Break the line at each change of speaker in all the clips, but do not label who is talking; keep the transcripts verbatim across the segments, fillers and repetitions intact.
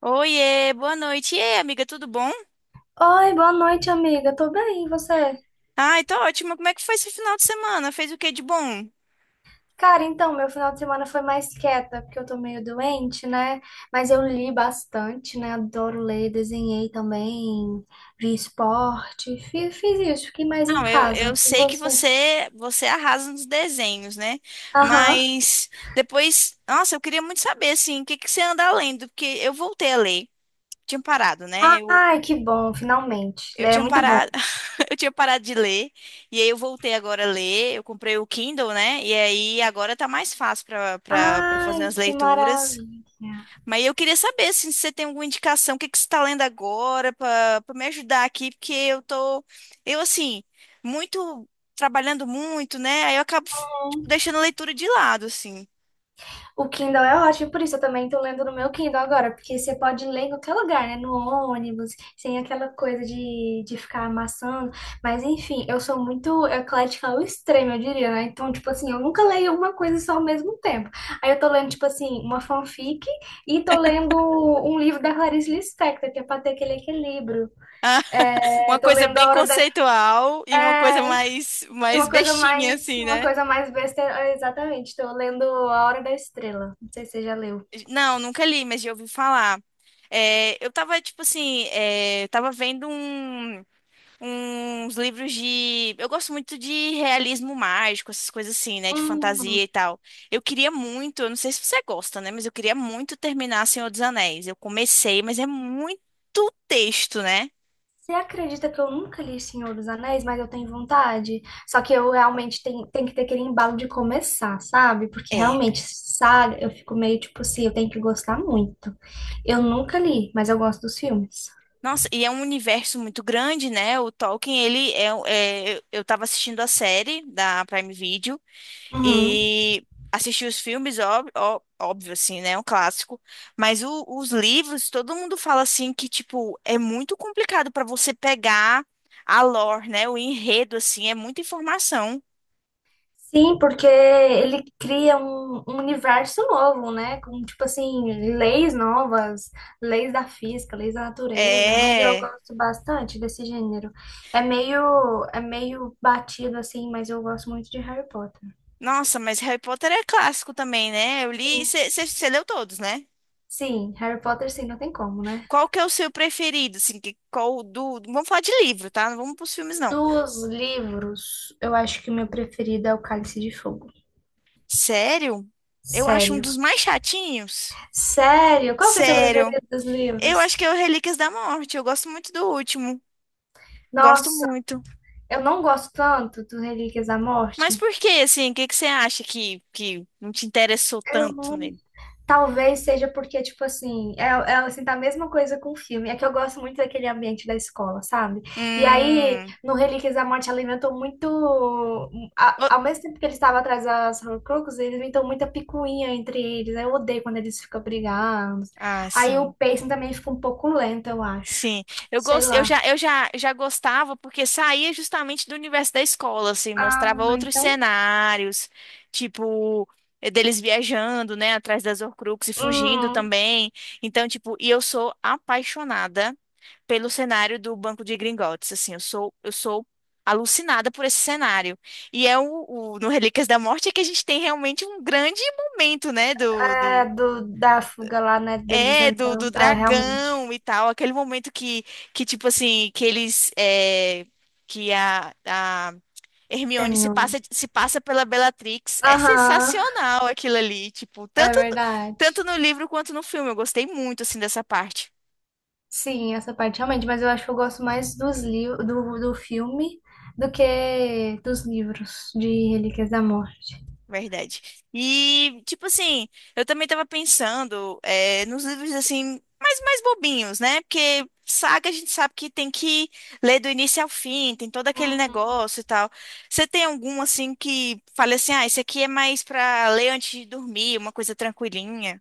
Oiê, boa noite. E aí, amiga, tudo bom?
Oi, boa noite, amiga. Tô bem, e você?
Ai, tô ótima. Como é que foi esse final de semana? Fez o que de bom?
Cara, então, meu final de semana foi mais quieta, porque eu tô meio doente, né? Mas eu li bastante, né? Adoro ler, desenhei também, vi esporte, fiz, fiz isso, fiquei mais em
Não, eu, eu
casa. E
sei que
você?
você você arrasa nos desenhos, né?
Aham.
Mas depois, nossa, eu queria muito saber, assim, o que que você anda lendo? Porque eu voltei a ler. Tinha parado, né? Eu,
Ai, que bom, finalmente.
eu
Ler é
tinha
muito
parado,
bom.
eu tinha parado de ler. E aí eu voltei agora a ler. Eu comprei o Kindle, né? E aí agora tá mais fácil para para fazer
Ai,
as
que
leituras.
maravilha.
Mas eu queria saber assim, se você tem alguma indicação, o que que você está lendo agora para me ajudar aqui, porque eu tô, eu assim, muito trabalhando muito, né? Aí eu acabo tipo, deixando a leitura de lado, assim.
O Kindle é ótimo, por isso eu também tô lendo no meu Kindle agora, porque você pode ler em qualquer lugar, né? No ônibus, sem aquela coisa de, de ficar amassando. Mas enfim, eu sou muito eclética ao extremo, eu diria, né? Então, tipo assim, eu nunca leio uma coisa só ao mesmo tempo. Aí eu tô lendo, tipo assim, uma fanfic e tô lendo um livro da Clarice Lispector, que é pra ter aquele equilíbrio. É,
Uma
tô
coisa
lendo A
bem
Hora da...
conceitual e uma coisa
É,
mais
e
mais
uma coisa
bestinha,
mais,
assim,
uma
né?
coisa mais besta, é, exatamente, tô lendo A Hora da Estrela. Não sei se você já leu.
Não, nunca li, mas já ouvi falar. É, eu tava, tipo assim, é, eu tava vendo um. Uns livros de. Eu gosto muito de realismo mágico, essas coisas assim, né? De
Hum,
fantasia e tal. Eu queria muito, eu não sei se você gosta, né? Mas eu queria muito terminar Senhor dos Anéis. Eu comecei, mas é muito texto, né?
você acredita que eu nunca li Senhor dos Anéis, mas eu tenho vontade? Só que eu realmente tenho, tenho que ter aquele embalo de começar, sabe? Porque
É.
realmente, saga, eu fico meio tipo assim, eu tenho que gostar muito. Eu nunca li, mas eu gosto dos filmes.
Nossa, e é um universo muito grande, né? O Tolkien, ele é. É eu eu tava assistindo a série da Prime Video.
Uhum.
E assisti os filmes, óbvio, ó- óbvio assim, né? É um clássico. Mas o- os livros, todo mundo fala assim que, tipo, é muito complicado para você pegar a lore, né? O enredo, assim, é muita informação.
Sim, porque ele cria um, um universo novo, né? Com, tipo assim, leis novas, leis da física, leis da natureza, mas eu
É.
gosto bastante desse gênero. É meio, é meio batido, assim, mas eu gosto muito de Harry Potter.
Nossa, mas Harry Potter é clássico também, né? Eu li.
Sim,
Você leu todos, né?
sim, Harry Potter, sim, não tem como, né?
Qual que é o seu preferido? Assim, que, qual do. Vamos falar de livro, tá? Não vamos pros filmes, não.
Dos livros, eu acho que o meu preferido é O Cálice de Fogo.
Sério? Eu acho um
Sério.
dos mais chatinhos.
Sério? Qual que é o seu
Sério.
preferido dos
Eu acho que
livros?
é o Relíquias da Morte. Eu gosto muito do último. Gosto
Nossa,
muito.
eu não gosto tanto do Relíquias da Morte.
Mas por que, assim? O que que você acha que, que não te interessou
Eu-
tanto nele?
Talvez seja porque, tipo assim, é, é assim, tá a mesma coisa com o filme. É que eu gosto muito daquele ambiente da escola, sabe? E aí,
Hum.
no Relíquias da Morte, ela inventou muito. a-
o-
ao mesmo tempo que eles estavam atrás das Horcruxes, eles inventam muita picuinha entre eles. Aí eu odeio quando eles ficam brigando.
Ah,
Aí o
sim.
pacing também fica um pouco lento, eu acho.
Sim, eu
Sei
gost... eu
lá.
já, eu já, já gostava porque saía justamente do universo da escola, assim,
Ah,
mostrava outros
então.
cenários, tipo, eh, deles viajando, né, atrás das Horcruxes e fugindo
Hum,
também. Então, tipo, e eu sou apaixonada pelo cenário do Banco de Gringotts, assim, eu sou, eu sou alucinada por esse cenário. E é o, o- no Relíquias da Morte é que a gente tem realmente um grande momento, né, do do
é do, da fuga lá, né? Deles
é, do, do
entrando. Ah, realmente.
dragão e tal. Aquele momento que, que tipo assim, que eles. É, que a, a Hermione se
Terminou.
passa, se passa pela Bellatrix. É
Aham.
sensacional aquilo ali. Tipo,
É
tanto, no- tanto
verdade.
no livro quanto no filme. Eu gostei muito, assim, dessa parte.
Sim, essa parte realmente, mas eu acho que eu gosto mais dos livros do, do filme do que dos livros de Relíquias da Morte.
Verdade. E, tipo assim, eu também tava pensando é, nos livros, assim, mais, mais bobinhos, né? Porque saga a gente sabe que tem que ler do início ao fim, tem todo aquele
Uhum.
negócio e tal. Você tem algum, assim, que fale assim, ah, esse aqui é mais pra ler antes de dormir, uma coisa tranquilinha?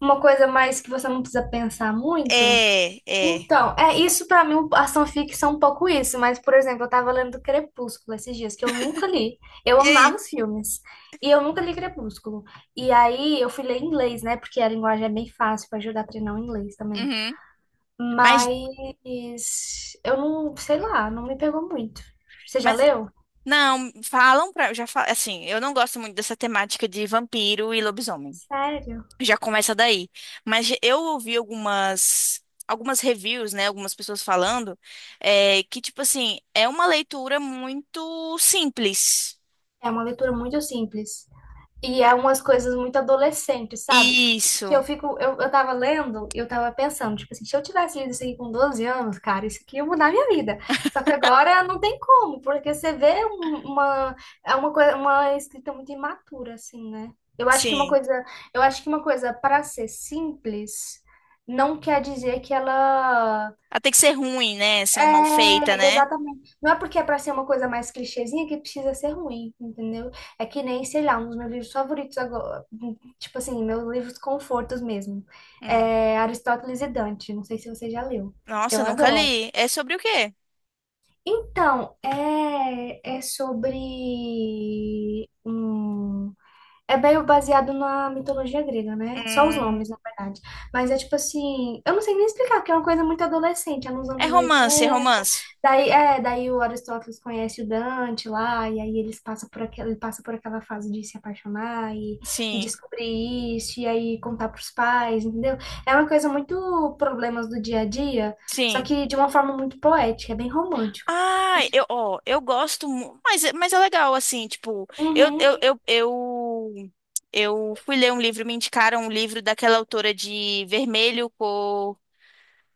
Uma coisa mais que você não precisa pensar muito.
É, é.
Então, é isso pra mim, a fanfics são um pouco isso, mas por exemplo, eu tava lendo Crepúsculo esses dias, que eu nunca li. Eu
E aí?
amava os filmes. E eu nunca li Crepúsculo. E aí eu fui ler em inglês, né? Porque a linguagem é bem fácil pra ajudar a treinar o inglês também.
Uhum. Mas,
Mas eu não, sei lá, não me pegou muito. Você já
mas,
leu?
não, falam pra, já fa- assim, eu não gosto muito dessa temática de vampiro e lobisomem.
Sério?
Já começa daí. Mas eu ouvi algumas algumas reviews, né? Algumas pessoas falando é, que, tipo assim, é uma leitura muito simples.
É uma leitura muito simples. E é
Ah,
umas coisas muito adolescentes, sabe? Que, que eu
Isso,
fico, eu, eu tava lendo e eu tava pensando, tipo assim, se eu tivesse lido isso aqui com doze anos, cara, isso aqui ia mudar a minha vida. Só que agora não tem como, porque você vê um- uma, é uma coisa, uma escrita muito imatura, assim, né? Eu acho que uma
sim.
coisa, eu acho que uma coisa para ser simples não quer dizer que ela.
Ela tem que ser ruim, né? Assim, ou mal feita,
É,
né?
exatamente. Não é porque é pra ser uma coisa mais clichêzinha que precisa ser ruim, entendeu? É que nem, sei lá, um dos meus livros favoritos agora, tipo assim, meus livros confortos mesmo.
Hum.
É Aristóteles e Dante, não sei se você já leu. Eu
Nossa, nunca
adoro.
li. É sobre o quê?
Então, é, é sobre um é meio baseado na mitologia grega, né? Só os
Hum.
nomes, na verdade. Mas é tipo assim, eu não sei nem explicar, porque é uma coisa muito adolescente, é nos
É
anos
romance, é
oitenta.
romance.
Daí, é, daí o Aristóteles conhece o Dante lá, e aí eles passam por aquela, ele passa por aquela fase de se apaixonar e, e
Sim,
descobrir isso, e aí contar pros pais, entendeu? É uma coisa muito problemas do dia a dia, só
sim.
que de uma forma muito poética, é bem romântico.
Ah,
E, tipo.
eu, ó, eu gosto, mu- mas, é- mas é legal, assim, tipo, eu,
Uhum.
eu, eu, eu, eu fui ler um livro, me indicaram um livro daquela autora de Vermelho, Cor,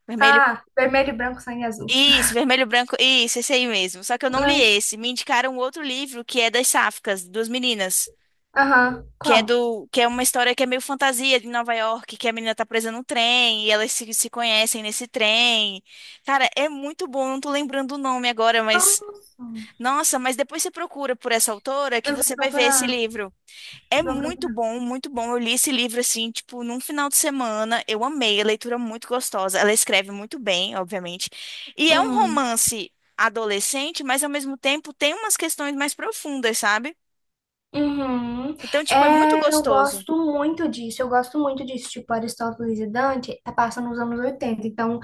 Vermelho,
Ah, Vermelho, Branco, Sangue Azul.
isso, Vermelho, Branco, isso, esse aí mesmo, só que eu não li
Hum.
esse, me indicaram outro livro que é das Sáficas, duas meninas,
Aham.
que é
Qual?
do, que é uma história que é meio fantasia de Nova York, que a menina tá presa num trem e elas se, se conhecem nesse trem, cara, é muito bom, não tô lembrando o nome agora, mas...
Nossa,
Nossa, mas depois você procura por essa autora que
eu vou
você vai ver esse
procurar.
livro. É
Vou
muito
procurar.
bom, muito bom. Eu li esse livro assim, tipo, num final de semana. Eu amei, a leitura é muito gostosa. Ela escreve muito bem, obviamente. E é um
Uhum.
romance adolescente, mas ao mesmo tempo tem umas questões mais profundas, sabe?
Uhum.
Então, tipo, é muito
É, eu
gostoso.
gosto muito disso, eu gosto muito disso. Tipo, Aristóteles e Dante tá passando nos anos oitenta, então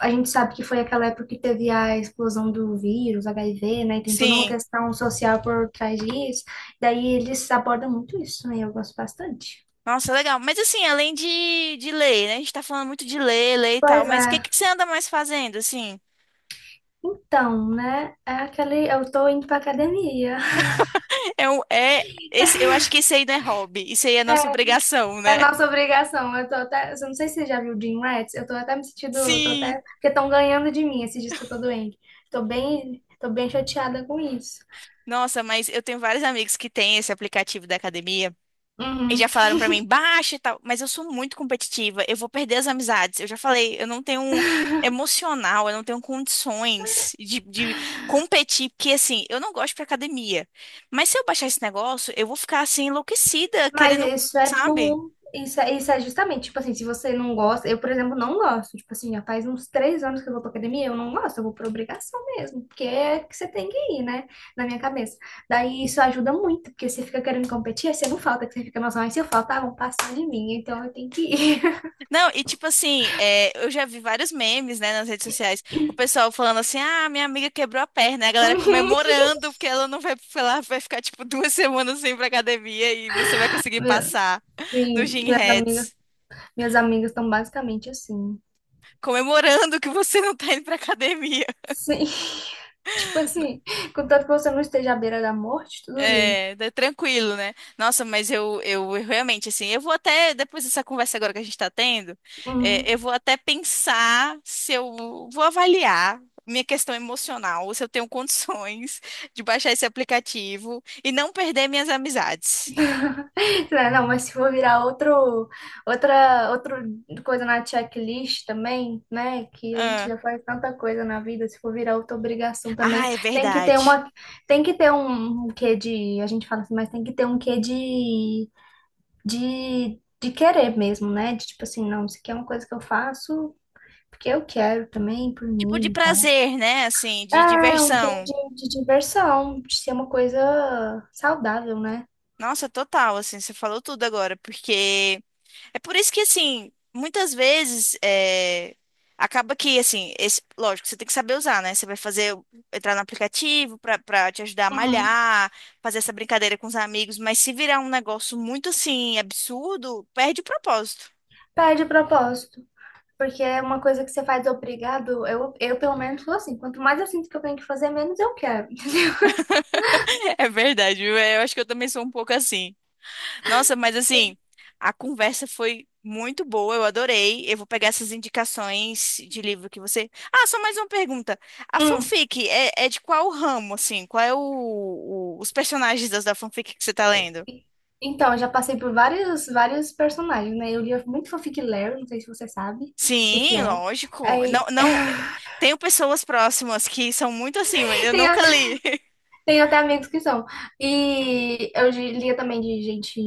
a gente sabe que foi aquela época que teve a explosão do vírus, H I V, né? E tem toda uma
Sim.
questão social por trás disso. Daí eles abordam muito isso, né? Eu gosto bastante.
Nossa, legal. Mas assim, além de, de ler, né? A gente tá falando muito de ler, ler e tal,
Pois
mas o que
é.
que você anda mais fazendo, assim?
Então, né? É aquele, eu tô indo pra academia.
É, um- é esse, eu acho que isso aí não é hobby, isso aí é nossa obrigação,
É
né?
nossa obrigação. Eu tô até Eu não sei se você já viu Dream Rats. Eu tô até me sentindo. Eu Tô
Sim.
até, porque estão ganhando de mim esse disco todo doente. Tô bem, tô bem chateada com isso.
Nossa, mas eu tenho vários amigos que têm esse aplicativo da academia e
Uhum.
já falaram pra mim, baixa e tal, mas eu sou muito competitiva, eu vou perder as amizades. Eu já falei, eu não tenho um emocional, eu não tenho condições de, de competir, porque assim, eu não gosto pra academia. Mas se eu baixar esse negócio, eu vou ficar assim enlouquecida, querendo,
Mas isso é
sabe?
bom. Isso é, isso é justamente, tipo assim, se você não gosta, eu, por exemplo, não gosto. Tipo assim, já faz uns três anos que eu vou pra academia, eu não gosto, eu vou por obrigação mesmo, porque é que você tem que ir, né? Na minha cabeça. Daí isso ajuda muito, porque você fica querendo competir, aí você não falta, que você fica, nossa, mas se eu faltar, vão passar de mim, então eu tenho que ir.
Não, e tipo assim, é, eu já vi vários memes, né, nas redes sociais. O pessoal falando assim, ah, minha amiga quebrou a perna. E A galera
Uhum.
comemorando porque ela não vai, ela vai ficar tipo duas semanas sem ir pra academia e você vai conseguir
Meu-
passar no
Sim,
Gym
minhas amigas,
Rats.
minhas amigas estão basicamente assim.
Comemorando que você não tá indo pra academia.
Sim. Tipo assim, contanto que você não esteja à beira da morte, tudo bem.
É, tá tranquilo, né? Nossa, mas eu, eu, eu realmente, assim, eu vou até, depois dessa conversa agora que a gente tá tendo, é,
Hum.
eu vou até pensar se eu vou avaliar minha questão emocional, se eu tenho condições de baixar esse aplicativo e não perder minhas amizades.
Não, não, mas se for virar outro, outra, outra coisa na checklist também, né? Que a gente
Ah,
já faz tanta coisa na vida, se for virar outra obrigação
ah,
também,
é
tem que ter
verdade.
uma, tem que ter um, um quê de, a gente fala assim, mas tem que ter um quê de de, de querer mesmo, né? De tipo assim, não, isso aqui é uma coisa que eu faço porque eu quero também, por
Tipo de
mim e tal.
prazer, né? Assim, de
Ah, um querer
diversão.
de, de diversão, de ser uma coisa saudável, né?
Nossa, total, assim, você falou tudo agora, porque. É por isso que, assim, muitas vezes é, acaba que, assim, esse, lógico, você tem que saber usar, né? Você vai fazer, entrar no aplicativo pra pra te ajudar a
Uhum.
malhar, fazer essa brincadeira com os amigos, mas se virar um negócio muito, assim, absurdo, perde o propósito.
Perde o propósito. Porque é uma coisa que você faz obrigado, eu, eu pelo menos sou assim, quanto mais eu sinto que eu tenho que fazer, menos eu quero.
É verdade, viu? Eu acho que eu também sou um pouco assim. Nossa, mas assim, a conversa foi muito boa, eu adorei. Eu vou pegar essas indicações de livro que você. Ah, só mais uma pergunta. A
Hum.
fanfic é, é de qual ramo, assim? Qual é o, o- os personagens das, da fanfic que você tá lendo?
E- Então, eu já passei por vários, vários personagens, né? Eu lia muito Fanfic Larry, não sei se você sabe o que que
Sim,
é.
lógico. Não,
Aí,
não, tenho pessoas próximas que são muito assim, mas eu
tem,
nunca li.
Tenho até amigos que são. E eu de- lia também de gente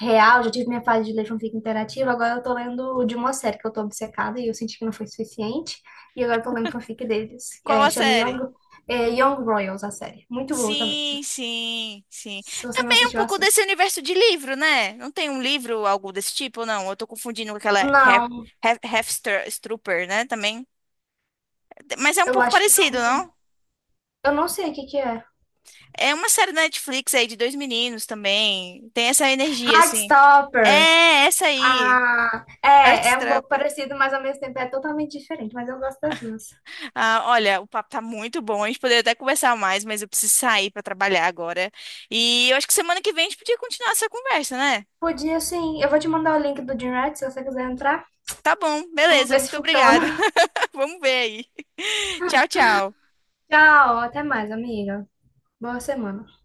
real, já tive minha fase de ler fanfic interativa, agora eu tô lendo de uma série que eu tô obcecada e eu senti que não foi suficiente. E agora eu tô lendo fanfic deles.
Qual
É,
a
chama
série?
Young, é, Young Royals, a série. Muito boa também. Se
Sim, sim, sim.
se você não
Também é um
assistiu,
pouco desse
assista.
universo de livro, né? Não tem um livro, algo desse tipo, não? Eu tô confundindo com aquela Hef-
Não,
Hef- Hefstrooper, né? Também. Mas é um
eu
pouco
acho que
parecido,
não.
não?
Eu não sei o que que é.
É uma série da Netflix aí de dois meninos também. Tem essa energia, assim.
Heartstopper.
É, essa aí.
Ah, é, é um pouco
Heartstopper.
parecido, mas ao mesmo tempo é totalmente diferente, mas eu gosto das duas.
Ah, olha, o papo tá muito bom. A gente poderia até conversar mais, mas eu preciso sair pra trabalhar agora. E eu acho que semana que vem a gente podia continuar essa conversa, né?
Podia sim. Eu vou te mandar o link do Gymrat se você quiser entrar.
Tá bom,
Vamos
beleza.
ver se
Muito obrigada.
funciona.
Vamos ver aí. Tchau, tchau.
Tchau, até mais, amiga. Boa semana.